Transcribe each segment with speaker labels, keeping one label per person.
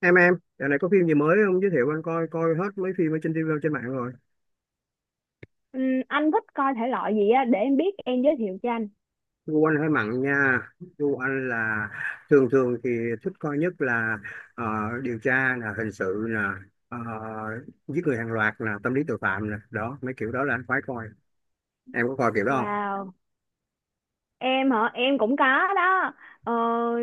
Speaker 1: Em, giờ này có phim gì mới không? Giới thiệu anh coi coi hết mấy phim ở trên TV trên mạng rồi.
Speaker 2: Anh thích coi thể loại gì á để em biết em giới thiệu cho anh.
Speaker 1: Gu anh hơi mặn nha. Gu anh là thường thường thì thích coi nhất là ờ, điều tra nè, hình sự nè, ờ, giết người hàng loạt nè, tâm lý tội phạm nè, đó mấy kiểu đó là anh khoái coi. Em có coi kiểu đó không?
Speaker 2: Wow, em hả? Em cũng có đó. Ờ,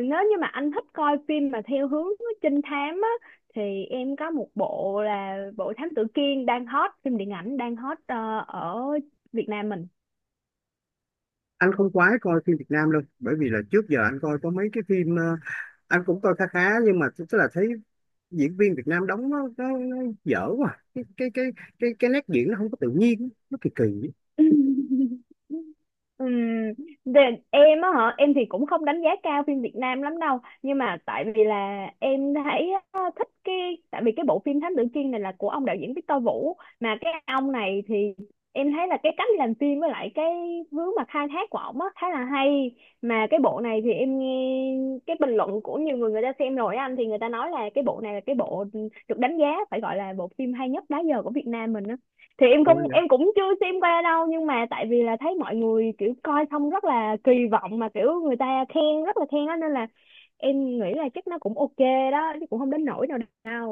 Speaker 2: Nếu như mà anh thích coi phim mà theo hướng trinh thám á thì em có một bộ là bộ Thám Tử Kiên đang hot, phim điện ảnh đang hot ở Việt Nam mình.
Speaker 1: Anh không khoái coi phim Việt Nam đâu, bởi vì là trước giờ anh coi có mấy cái phim anh cũng coi khá khá nhưng mà tức là thấy diễn viên Việt Nam đóng nó dở quá. Cái nét diễn nó không có tự nhiên, nó kỳ kỳ.
Speaker 2: Ừm, để, em á hả, em thì cũng không đánh giá cao phim Việt Nam lắm đâu, nhưng mà tại vì là em thấy á, thích cái tại vì cái bộ phim Thám Tử Kiên này là của ông đạo diễn Victor Vũ, mà cái ông này thì em thấy là cái cách làm phim với lại cái hướng mà khai thác của ổng á khá là hay. Mà cái bộ này thì em nghe cái bình luận của nhiều người, người ta xem rồi á anh, thì người ta nói là cái bộ này là cái bộ được đánh giá, phải gọi là bộ phim hay nhất đó giờ của Việt Nam mình á. Thì em
Speaker 1: Ủa
Speaker 2: không,
Speaker 1: vậy?
Speaker 2: em cũng chưa xem qua đâu, nhưng mà tại vì là thấy mọi người kiểu coi xong rất là kỳ vọng, mà kiểu người ta khen, rất là khen đó, nên là em nghĩ là chắc nó cũng ok đó chứ cũng không đến nỗi nào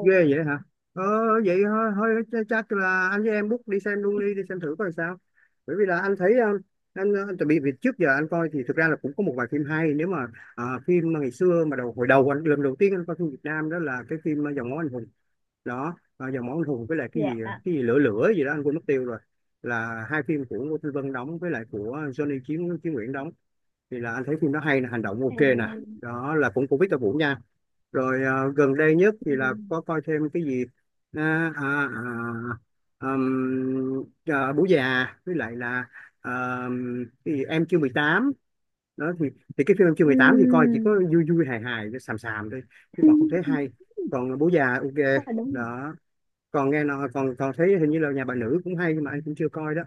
Speaker 1: Ghê vậy hả? Ờ Vậy thôi, chắc là anh với em book đi xem luôn đi, đi xem thử coi sao. Bởi vì là anh thấy anh chuẩn bị việc. Trước giờ anh coi thì thực ra là cũng có một vài phim hay. Nếu mà phim mà ngày xưa mà hồi đầu anh lần đầu tiên anh coi phim Việt Nam đó là cái phim Dòng máu anh hùng. Đó, Dòng máu anh hùng với lại cái
Speaker 2: Dạ
Speaker 1: gì
Speaker 2: à.
Speaker 1: cái gì lửa lửa gì đó anh quên mất tiêu rồi. Là 2 phim của Ngô Thanh Vân đóng với lại của Johnny Chí Chí Nguyễn đóng thì là anh thấy phim đó hay nè, hành động
Speaker 2: Ừ.
Speaker 1: ok nè. Đó là cũng của Victor Vũ nha. Rồi gần đây nhất thì là có coi thêm cái gì à, à, Bố già với lại là à, cái gì? Em chưa mười tám. Đó thì cái phim Em chưa mười tám thì coi chỉ có
Speaker 2: Ừm,
Speaker 1: vui vui hài hài xàm xàm thôi, chứ còn không thấy hay. Còn Bố già ok
Speaker 2: chắc là đúng rồi.
Speaker 1: đó. Còn nghe nói còn còn thấy hình như là Nhà bà nữ cũng hay nhưng mà anh cũng chưa coi đó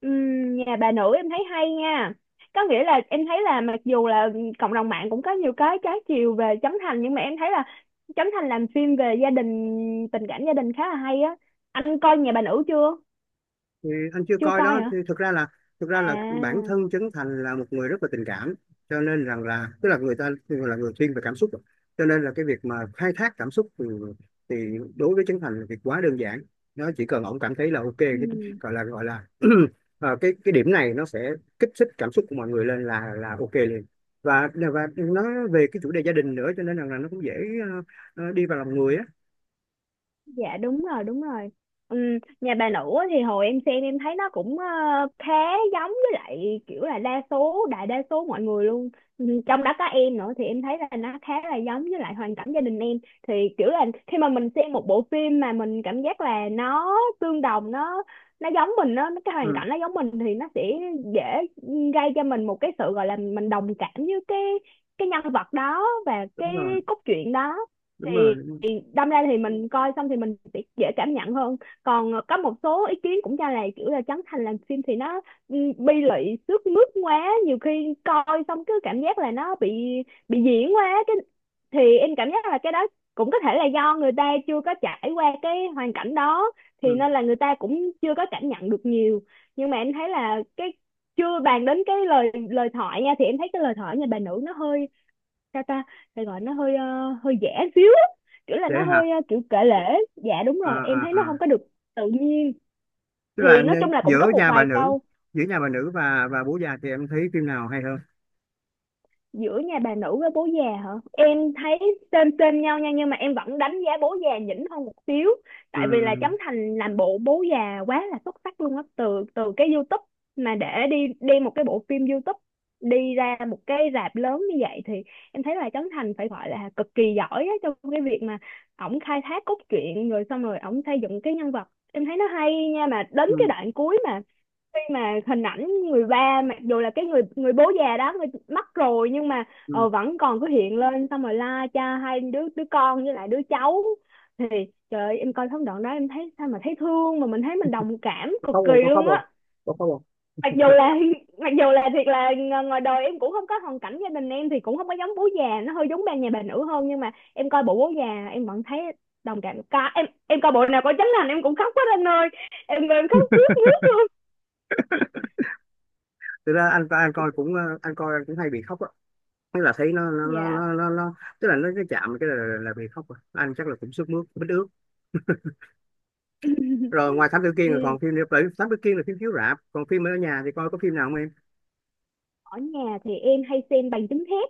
Speaker 2: Nhà bà nữ em thấy hay nha, có nghĩa là em thấy là mặc dù là cộng đồng mạng cũng có nhiều cái trái chiều về Trấn Thành, nhưng mà em thấy là Trấn Thành làm phim về gia đình, tình cảm gia đình khá là hay á. Anh coi nhà bà nữ chưa?
Speaker 1: thì anh chưa
Speaker 2: Chưa
Speaker 1: coi
Speaker 2: coi
Speaker 1: đó.
Speaker 2: hả?
Speaker 1: Thì thực ra là bản
Speaker 2: À.
Speaker 1: thân Trấn Thành là một người rất là tình cảm, cho nên rằng là tức là người ta là người thiên về cảm xúc, cho nên là cái việc mà khai thác cảm xúc thì đối với Trấn Thành là việc quá đơn giản. Nó chỉ cần ổng cảm thấy là ok cái
Speaker 2: Ừ.
Speaker 1: gọi là cái điểm này nó sẽ kích thích cảm xúc của mọi người lên là ok liền. Và nói về cái chủ đề gia đình nữa, cho nên rằng là nó cũng dễ đi vào lòng người á.
Speaker 2: Dạ đúng rồi, đúng rồi. Ừ, nhà bà nữ á thì hồi em xem em thấy nó cũng khá giống với lại kiểu là đa số, đại đa số mọi người luôn. Ừ, trong đó có em nữa thì em thấy là nó khá là giống với lại hoàn cảnh gia đình em. Thì kiểu là khi mà mình xem một bộ phim mà mình cảm giác là nó tương đồng, nó giống mình, nó cái hoàn
Speaker 1: Ừ,
Speaker 2: cảnh nó giống mình thì nó sẽ dễ gây cho mình một cái sự, gọi là mình đồng cảm với cái nhân vật đó và cái
Speaker 1: đúng rồi.
Speaker 2: cốt truyện đó.
Speaker 1: Đúng rồi, đúng rồi.
Speaker 2: Thì đâm ra thì mình coi xong thì mình sẽ dễ cảm nhận hơn. Còn có một số ý kiến cũng cho là kiểu là Trấn Thành làm phim thì nó, ừ, bi lụy sướt mướt quá, nhiều khi coi xong cứ cảm giác là nó bị diễn quá cái, thì em cảm giác là cái đó cũng có thể là do người ta chưa có trải qua cái hoàn cảnh đó thì
Speaker 1: Ừ.
Speaker 2: nên là người ta cũng chưa có cảm nhận được nhiều. Nhưng mà em thấy là cái, chưa bàn đến cái lời lời thoại nha, thì em thấy cái lời thoại nhà bà nữ nó hơi, sao ta, phải gọi nó hơi hơi giả xíu á, kiểu là
Speaker 1: Dễ
Speaker 2: nó
Speaker 1: hả?
Speaker 2: hơi kiểu kể lể. Dạ đúng
Speaker 1: à
Speaker 2: rồi, em
Speaker 1: à
Speaker 2: thấy nó không
Speaker 1: à
Speaker 2: có được tự nhiên.
Speaker 1: Tức
Speaker 2: Thì
Speaker 1: là
Speaker 2: nói chung là cũng có
Speaker 1: giữa
Speaker 2: một
Speaker 1: Nhà bà
Speaker 2: vài
Speaker 1: nữ,
Speaker 2: câu.
Speaker 1: giữa Nhà bà nữ và Bố già thì em thấy phim nào hay hơn?
Speaker 2: Giữa nhà bà nữ với bố già hả, em thấy trên trên nhau nha, nhưng mà em vẫn đánh giá bố già nhỉnh hơn một xíu,
Speaker 1: Ừ,
Speaker 2: tại vì là Trấn Thành làm bộ bố già quá là xuất sắc luôn á. Từ từ cái YouTube mà để đi đem một cái bộ phim YouTube đi ra một cái rạp lớn như vậy thì em thấy là Trấn Thành phải gọi là cực kỳ giỏi á trong cái việc mà ổng khai thác cốt truyện, rồi xong rồi ổng xây dựng cái nhân vật, em thấy nó hay nha. Mà đến cái
Speaker 1: ừ,
Speaker 2: đoạn cuối mà khi mà hình ảnh người ba, mặc dù là cái người người bố già đó người mất rồi, nhưng mà
Speaker 1: ừ.
Speaker 2: vẫn còn cứ hiện lên xong rồi la cha hai đứa, đứa con với lại đứa cháu, thì trời ơi, em coi phân đoạn đó em thấy sao mà thấy thương, mà mình thấy mình đồng cảm
Speaker 1: Có
Speaker 2: cực
Speaker 1: khóc
Speaker 2: kỳ
Speaker 1: không? Có khóc
Speaker 2: luôn
Speaker 1: không?
Speaker 2: á.
Speaker 1: Có khóc không?
Speaker 2: Mặc dù là mặc dù là thiệt là ngoài đời em cũng không có, hoàn cảnh gia đình em thì cũng không có giống bố già, nó hơi giống ba nhà bà nữ hơn, nhưng mà em coi bộ bố già em vẫn thấy đồng cảm ca. Em coi bộ nào có Trấn Thành em cũng khóc hết anh ơi, em khócướt mướt luôn.
Speaker 1: Thực ra anh coi cũng anh coi anh cũng hay bị khóc á. Tức là thấy nó nó nó
Speaker 2: Dạ.
Speaker 1: nó, nó, nó tức là nó cái chạm cái là bị khóc rồi. Anh chắc là cũng sức mướt bít ướt. Rồi ngoài Thám Tử Kiên là
Speaker 2: Ừ.
Speaker 1: còn phim nữa. Bởi vì Thám Tử Kiên là phim chiếu rạp, còn phim ở nhà thì coi có phim nào không em?
Speaker 2: Ở nhà thì em hay xem bằng chứng thép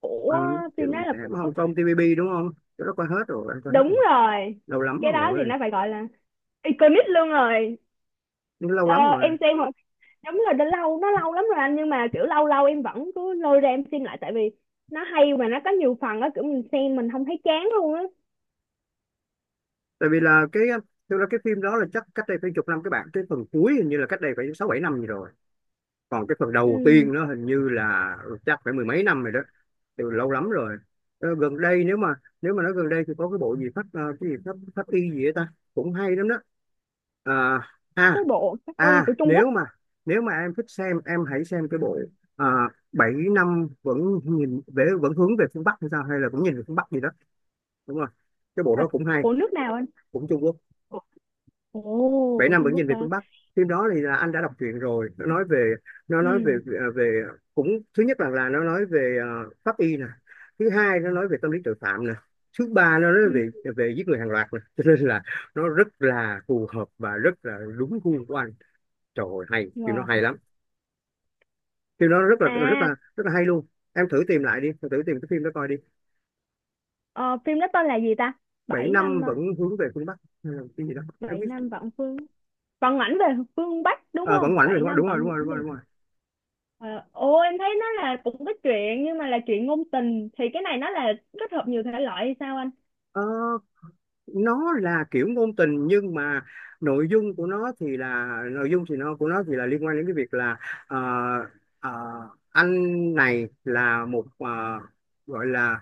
Speaker 2: của.
Speaker 1: Bằng
Speaker 2: Phim đó
Speaker 1: chữ
Speaker 2: là của.
Speaker 1: Hồng Kông TVB đúng không? Chỗ đó coi hết rồi, anh coi hết rồi.
Speaker 2: Đúng rồi.
Speaker 1: Lâu lắm
Speaker 2: Cái đó thì
Speaker 1: rồi.
Speaker 2: nó phải gọi là iconic luôn rồi.
Speaker 1: Lâu
Speaker 2: ờ,
Speaker 1: lắm rồi.
Speaker 2: em xem hồi-. Đúng rồi, đã lâu, nó lâu lắm rồi anh, nhưng mà kiểu lâu lâu em vẫn cứ lôi ra em xem lại, tại vì nó hay mà nó có nhiều phần á, kiểu mình xem mình không thấy chán luôn á.
Speaker 1: Tại vì là cái, thực ra cái phim đó là chắc cách đây phải chục năm, các bạn cái phần cuối hình như là cách đây phải 6 7 năm gì rồi. Còn cái phần đầu
Speaker 2: Ừ.
Speaker 1: tiên nó hình như là chắc phải mười mấy năm rồi đó. Từ lâu lắm rồi. Ờ, gần đây, nếu mà nói gần đây thì có cái bộ gì pháp cái gì pháp pháp y gì ấy ta, cũng hay lắm đó. à,
Speaker 2: Cái
Speaker 1: à
Speaker 2: bộ Cát Y của Trung Quốc
Speaker 1: Nếu mà em thích xem, em hãy xem cái bộ à, Bảy năm vẫn nhìn về vẫn hướng về phương Bắc, hay sao, hay là cũng nhìn về phương Bắc gì đó, đúng rồi, cái bộ
Speaker 2: là
Speaker 1: đó cũng hay.
Speaker 2: của nước nào anh?
Speaker 1: Cũng Trung Quốc.
Speaker 2: Ủa, ồ
Speaker 1: Bảy
Speaker 2: của
Speaker 1: năm vẫn
Speaker 2: Trung Quốc
Speaker 1: nhìn về
Speaker 2: hả?
Speaker 1: phương Bắc. Phim đó thì là anh đã đọc truyện rồi. Nó nói về,
Speaker 2: Ừ.
Speaker 1: à, về, cũng thứ nhất là nó nói về pháp y nè, thứ hai nó nói về tâm lý tội phạm nè, thứ ba nó nói
Speaker 2: Ừ.
Speaker 1: về về giết người hàng loạt nè, cho nên là nó rất là phù hợp và rất là đúng gu của anh. Trời ơi, hay, phim nó
Speaker 2: Wow.
Speaker 1: hay lắm. Phim nó rất là rất
Speaker 2: À.
Speaker 1: là rất là hay luôn. Em thử tìm lại đi, em thử tìm cái phim đó coi đi.
Speaker 2: ờ, Phim đó tên là gì ta,
Speaker 1: Bảy
Speaker 2: bảy
Speaker 1: năm
Speaker 2: năm à?
Speaker 1: vẫn hướng về phương Bắc. Hay là cái gì đó em
Speaker 2: Bảy
Speaker 1: biết.
Speaker 2: năm vạn phương, Phận ảnh về phương Bắc đúng
Speaker 1: Ờ,
Speaker 2: không?
Speaker 1: vẫn ngoảnh về
Speaker 2: Bảy
Speaker 1: phương Bắc,
Speaker 2: năm
Speaker 1: đúng rồi, đúng
Speaker 2: phận
Speaker 1: rồi, đúng
Speaker 2: ảnh về.
Speaker 1: rồi, đúng rồi.
Speaker 2: Ờ, Ồ em thấy nó là cũng có chuyện, nhưng mà là chuyện ngôn tình, thì cái này nó là kết hợp nhiều thể loại hay sao anh?
Speaker 1: Ờ, nó là kiểu ngôn tình nhưng mà nội dung của nó thì là, nội dung thì nó của nó thì là liên quan đến cái việc là ờ, ờ, anh này là một gọi là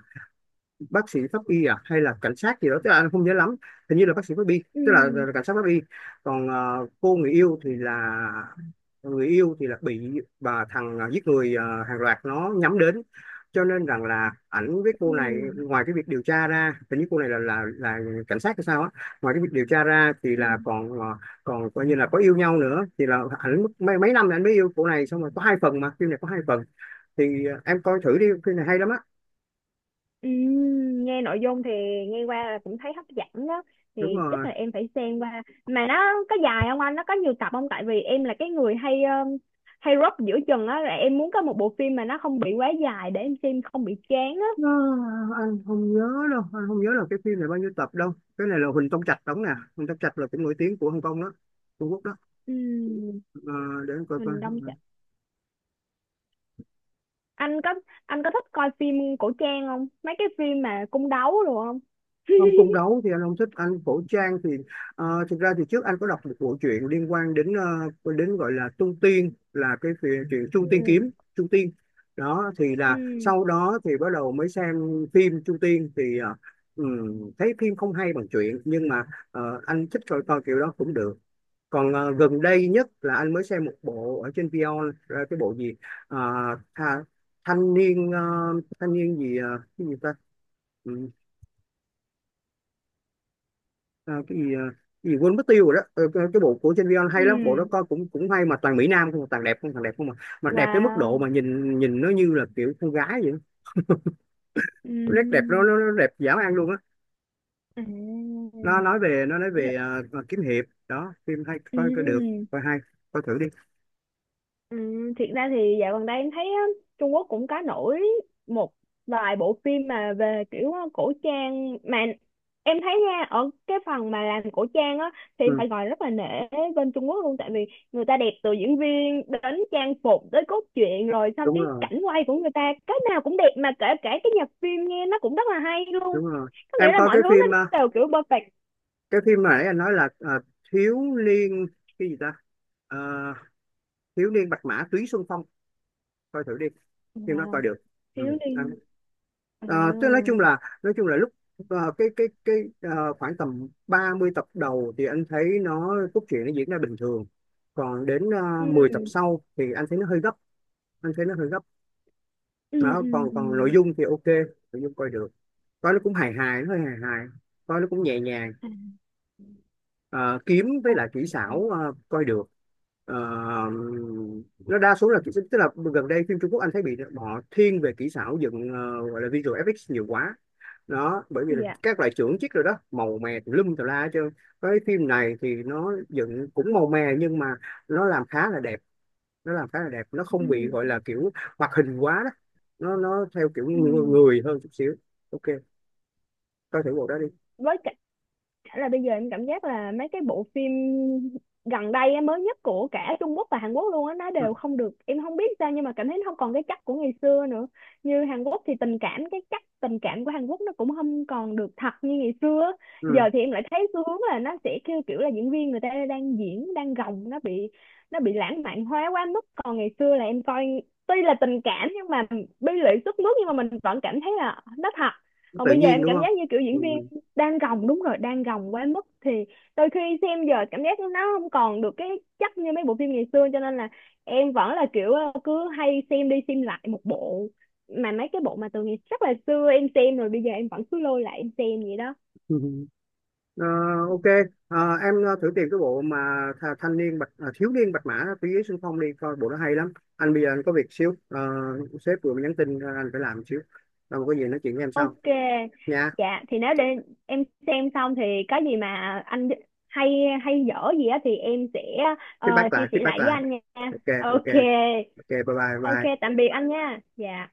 Speaker 1: bác sĩ pháp y à hay là cảnh sát gì đó, tức là anh không nhớ lắm. Hình như là bác sĩ pháp y,
Speaker 2: Ừ.
Speaker 1: tức là cảnh sát pháp y. Còn cô người yêu thì là, người yêu thì là bị bà thằng giết người hàng loạt nó nhắm đến, cho nên rằng là ảnh với cô này
Speaker 2: Ừ.
Speaker 1: ngoài cái việc điều tra ra, hình như cô này là là cảnh sát hay sao á. Ngoài cái việc điều tra ra thì
Speaker 2: Ừ.
Speaker 1: là còn còn coi như là có yêu nhau nữa. Thì là ảnh mất mấy mấy năm là ảnh mới yêu cô này xong. Rồi có 2 phần mà phim này có 2 phần Thì em coi thử đi, phim này hay lắm á.
Speaker 2: Ừ, nghe nội dung thì nghe qua là cũng thấy hấp dẫn đó.
Speaker 1: Đúng
Speaker 2: Thì chắc
Speaker 1: rồi.
Speaker 2: là em phải xem qua, mà nó có dài không anh, nó có nhiều tập không, tại vì em là cái người hay hay rớp giữa chừng á, là em muốn có một bộ phim mà nó không bị quá dài để em xem không bị chán á.
Speaker 1: Nó, anh không nhớ đâu, anh không nhớ là cái phim này bao nhiêu tập đâu. Cái này là Huỳnh Tông Trạch đóng nè. Huỳnh Tông Trạch là cũng nổi tiếng của Hồng Kông đó, Trung Quốc đó.
Speaker 2: Ừ,
Speaker 1: Ờ, để anh coi coi.
Speaker 2: mình đông. Anh có, anh có thích coi phim cổ trang không, mấy cái phim mà cung đấu rồi không?
Speaker 1: Không, cung đấu thì anh không thích, anh cổ trang thì thực ra thì trước anh có đọc một bộ truyện liên quan đến đến, gọi là Trung Tiên là chuyện Trung Tiên kiếm,
Speaker 2: Ừ.
Speaker 1: Trung Tiên. Đó thì là
Speaker 2: Ừ.
Speaker 1: sau đó thì bắt đầu mới xem phim Trung Tiên thì thấy phim không hay bằng truyện nhưng mà anh thích coi coi kiểu đó cũng được. Còn gần đây nhất là anh mới xem một bộ ở trên Vion cái bộ gì. Ờ, tha, thanh niên thanh niên gì cái gì ta, ừ, ờ, cái gì cái gì quên mất tiêu rồi đó. Ờ, cái bộ của trên Vion hay lắm. Bộ đó
Speaker 2: Ừ.
Speaker 1: coi cũng cũng hay, mà toàn mỹ nam không, toàn đẹp không, toàn đẹp không, mà mà đẹp tới mức độ
Speaker 2: Wow.
Speaker 1: mà nhìn nhìn nó như là kiểu con gái vậy. Nét đẹp
Speaker 2: Ừ.
Speaker 1: nó đẹp dã man luôn á.
Speaker 2: À.
Speaker 1: Nó nói về, kiếm hiệp đó, phim hay,
Speaker 2: Ừ.
Speaker 1: coi coi được,
Speaker 2: Ừ.
Speaker 1: coi hay, coi thử đi.
Speaker 2: Ừ, thiệt ra thì dạo gần đây em thấy á, Trung Quốc cũng có nổi một vài bộ phim mà về kiểu cổ trang, mà em thấy nha, ở cái phần mà làm cổ trang á thì em
Speaker 1: Ừ,
Speaker 2: phải gọi rất là nể bên Trung Quốc luôn, tại vì người ta đẹp từ diễn viên đến trang phục tới cốt truyện, rồi xong
Speaker 1: đúng
Speaker 2: cái
Speaker 1: rồi,
Speaker 2: cảnh quay của người ta cái nào cũng đẹp, mà kể cả cái nhạc phim nghe nó cũng rất là hay luôn.
Speaker 1: đúng rồi.
Speaker 2: Có
Speaker 1: Em
Speaker 2: nghĩa là
Speaker 1: coi
Speaker 2: mọi
Speaker 1: cái
Speaker 2: thứ
Speaker 1: phim
Speaker 2: nó đều kiểu perfect.
Speaker 1: cái phim mà nãy anh nói là thiếu niên cái gì ta. Ờ, Thiếu niên bạch mã túy xuân phong, coi thử đi, phim đó coi
Speaker 2: Wow,
Speaker 1: được. ừ.
Speaker 2: thiếu
Speaker 1: anh-
Speaker 2: đi. À.
Speaker 1: Ờ, tức nói chung là, nói chung là lúc khoảng tầm 30 tập đầu thì anh thấy nó cốt truyện nó diễn ra bình thường, còn đến 10 tập
Speaker 2: Ừ.
Speaker 1: sau thì anh thấy nó hơi gấp, anh thấy nó hơi gấp.
Speaker 2: Ừ.
Speaker 1: Đó,
Speaker 2: Ừ.
Speaker 1: còn
Speaker 2: Ừ.
Speaker 1: còn nội dung thì ok, nội dung coi được. Coi nó cũng hài hài, nó hơi hài hài, coi nó cũng nhẹ nhàng.
Speaker 2: À,
Speaker 1: Ờ, kiếm với lại kỹ
Speaker 2: ok.
Speaker 1: xảo coi được. Ờ, nó đa số là kỹ, tức là gần đây phim Trung Quốc anh thấy bị họ thiên về kỹ xảo dựng, gọi là visual effects, nhiều quá đó. Bởi vì là
Speaker 2: Dạ.
Speaker 1: các loại chưởng chiếc rồi đó, màu mè tùm lum tùm la hết trơn. Cái phim này thì nó dựng cũng màu mè nhưng mà nó làm khá là đẹp, nó làm khá là đẹp. Nó
Speaker 2: Ừ.
Speaker 1: không bị gọi là kiểu hoạt hình quá đó, nó theo kiểu
Speaker 2: Ừ.
Speaker 1: người hơn chút xíu, ok. Coi thử bộ đó đi.
Speaker 2: Với cả, chả là bây giờ em cảm giác là mấy cái bộ phim gần đây á, mới nhất của cả Trung Quốc và Hàn Quốc luôn á, nó
Speaker 1: Ừ.
Speaker 2: đều không được, em không biết sao, nhưng mà cảm thấy nó không còn cái chất của ngày xưa nữa. Như Hàn Quốc thì tình cảm, cái chất tình cảm của Hàn Quốc nó cũng không còn được thật như ngày xưa á. Giờ
Speaker 1: Ừ.
Speaker 2: thì em lại thấy xu hướng là nó sẽ kêu kiểu là diễn viên người ta đang diễn đang gồng, nó bị, nó bị lãng mạn hóa quá mức. Còn ngày xưa là em coi, tuy là tình cảm nhưng mà bi lụy sức mướt, nhưng mà mình vẫn cảm thấy là nó thật. Còn
Speaker 1: Tự
Speaker 2: bây giờ
Speaker 1: nhiên
Speaker 2: em
Speaker 1: đúng
Speaker 2: cảm
Speaker 1: không?
Speaker 2: giác như kiểu diễn viên
Speaker 1: Ừ.
Speaker 2: đang gồng, đúng rồi, đang gồng quá mức, thì đôi khi xem giờ cảm giác nó không còn được cái chất như mấy bộ phim ngày xưa, cho nên là em vẫn là kiểu cứ hay xem đi xem lại một bộ, mà mấy cái bộ mà từ ngày rất là xưa em xem rồi bây giờ em vẫn cứ lôi lại em xem vậy đó.
Speaker 1: Ờ, ok. Ờ, em thử tìm cái bộ mà thanh niên bạch, Thiếu niên bạch mã tứ giới xung phong đi, coi bộ nó hay lắm. Anh bây giờ anh có việc xíu. Ờ, sếp vừa mới nhắn tin, anh phải làm xíu, rồi có gì nói chuyện với em sau
Speaker 2: Ok.
Speaker 1: nha.
Speaker 2: Dạ thì nếu để em xem xong thì có gì mà anh, hay hay dở gì á, thì em sẽ
Speaker 1: Feedback
Speaker 2: chia
Speaker 1: lại,
Speaker 2: sẻ
Speaker 1: feedback
Speaker 2: lại với
Speaker 1: lại,
Speaker 2: anh nha.
Speaker 1: ok. Ok.
Speaker 2: Ok.
Speaker 1: Ok bye bye
Speaker 2: Ok,
Speaker 1: bye.
Speaker 2: tạm biệt anh nha. Dạ.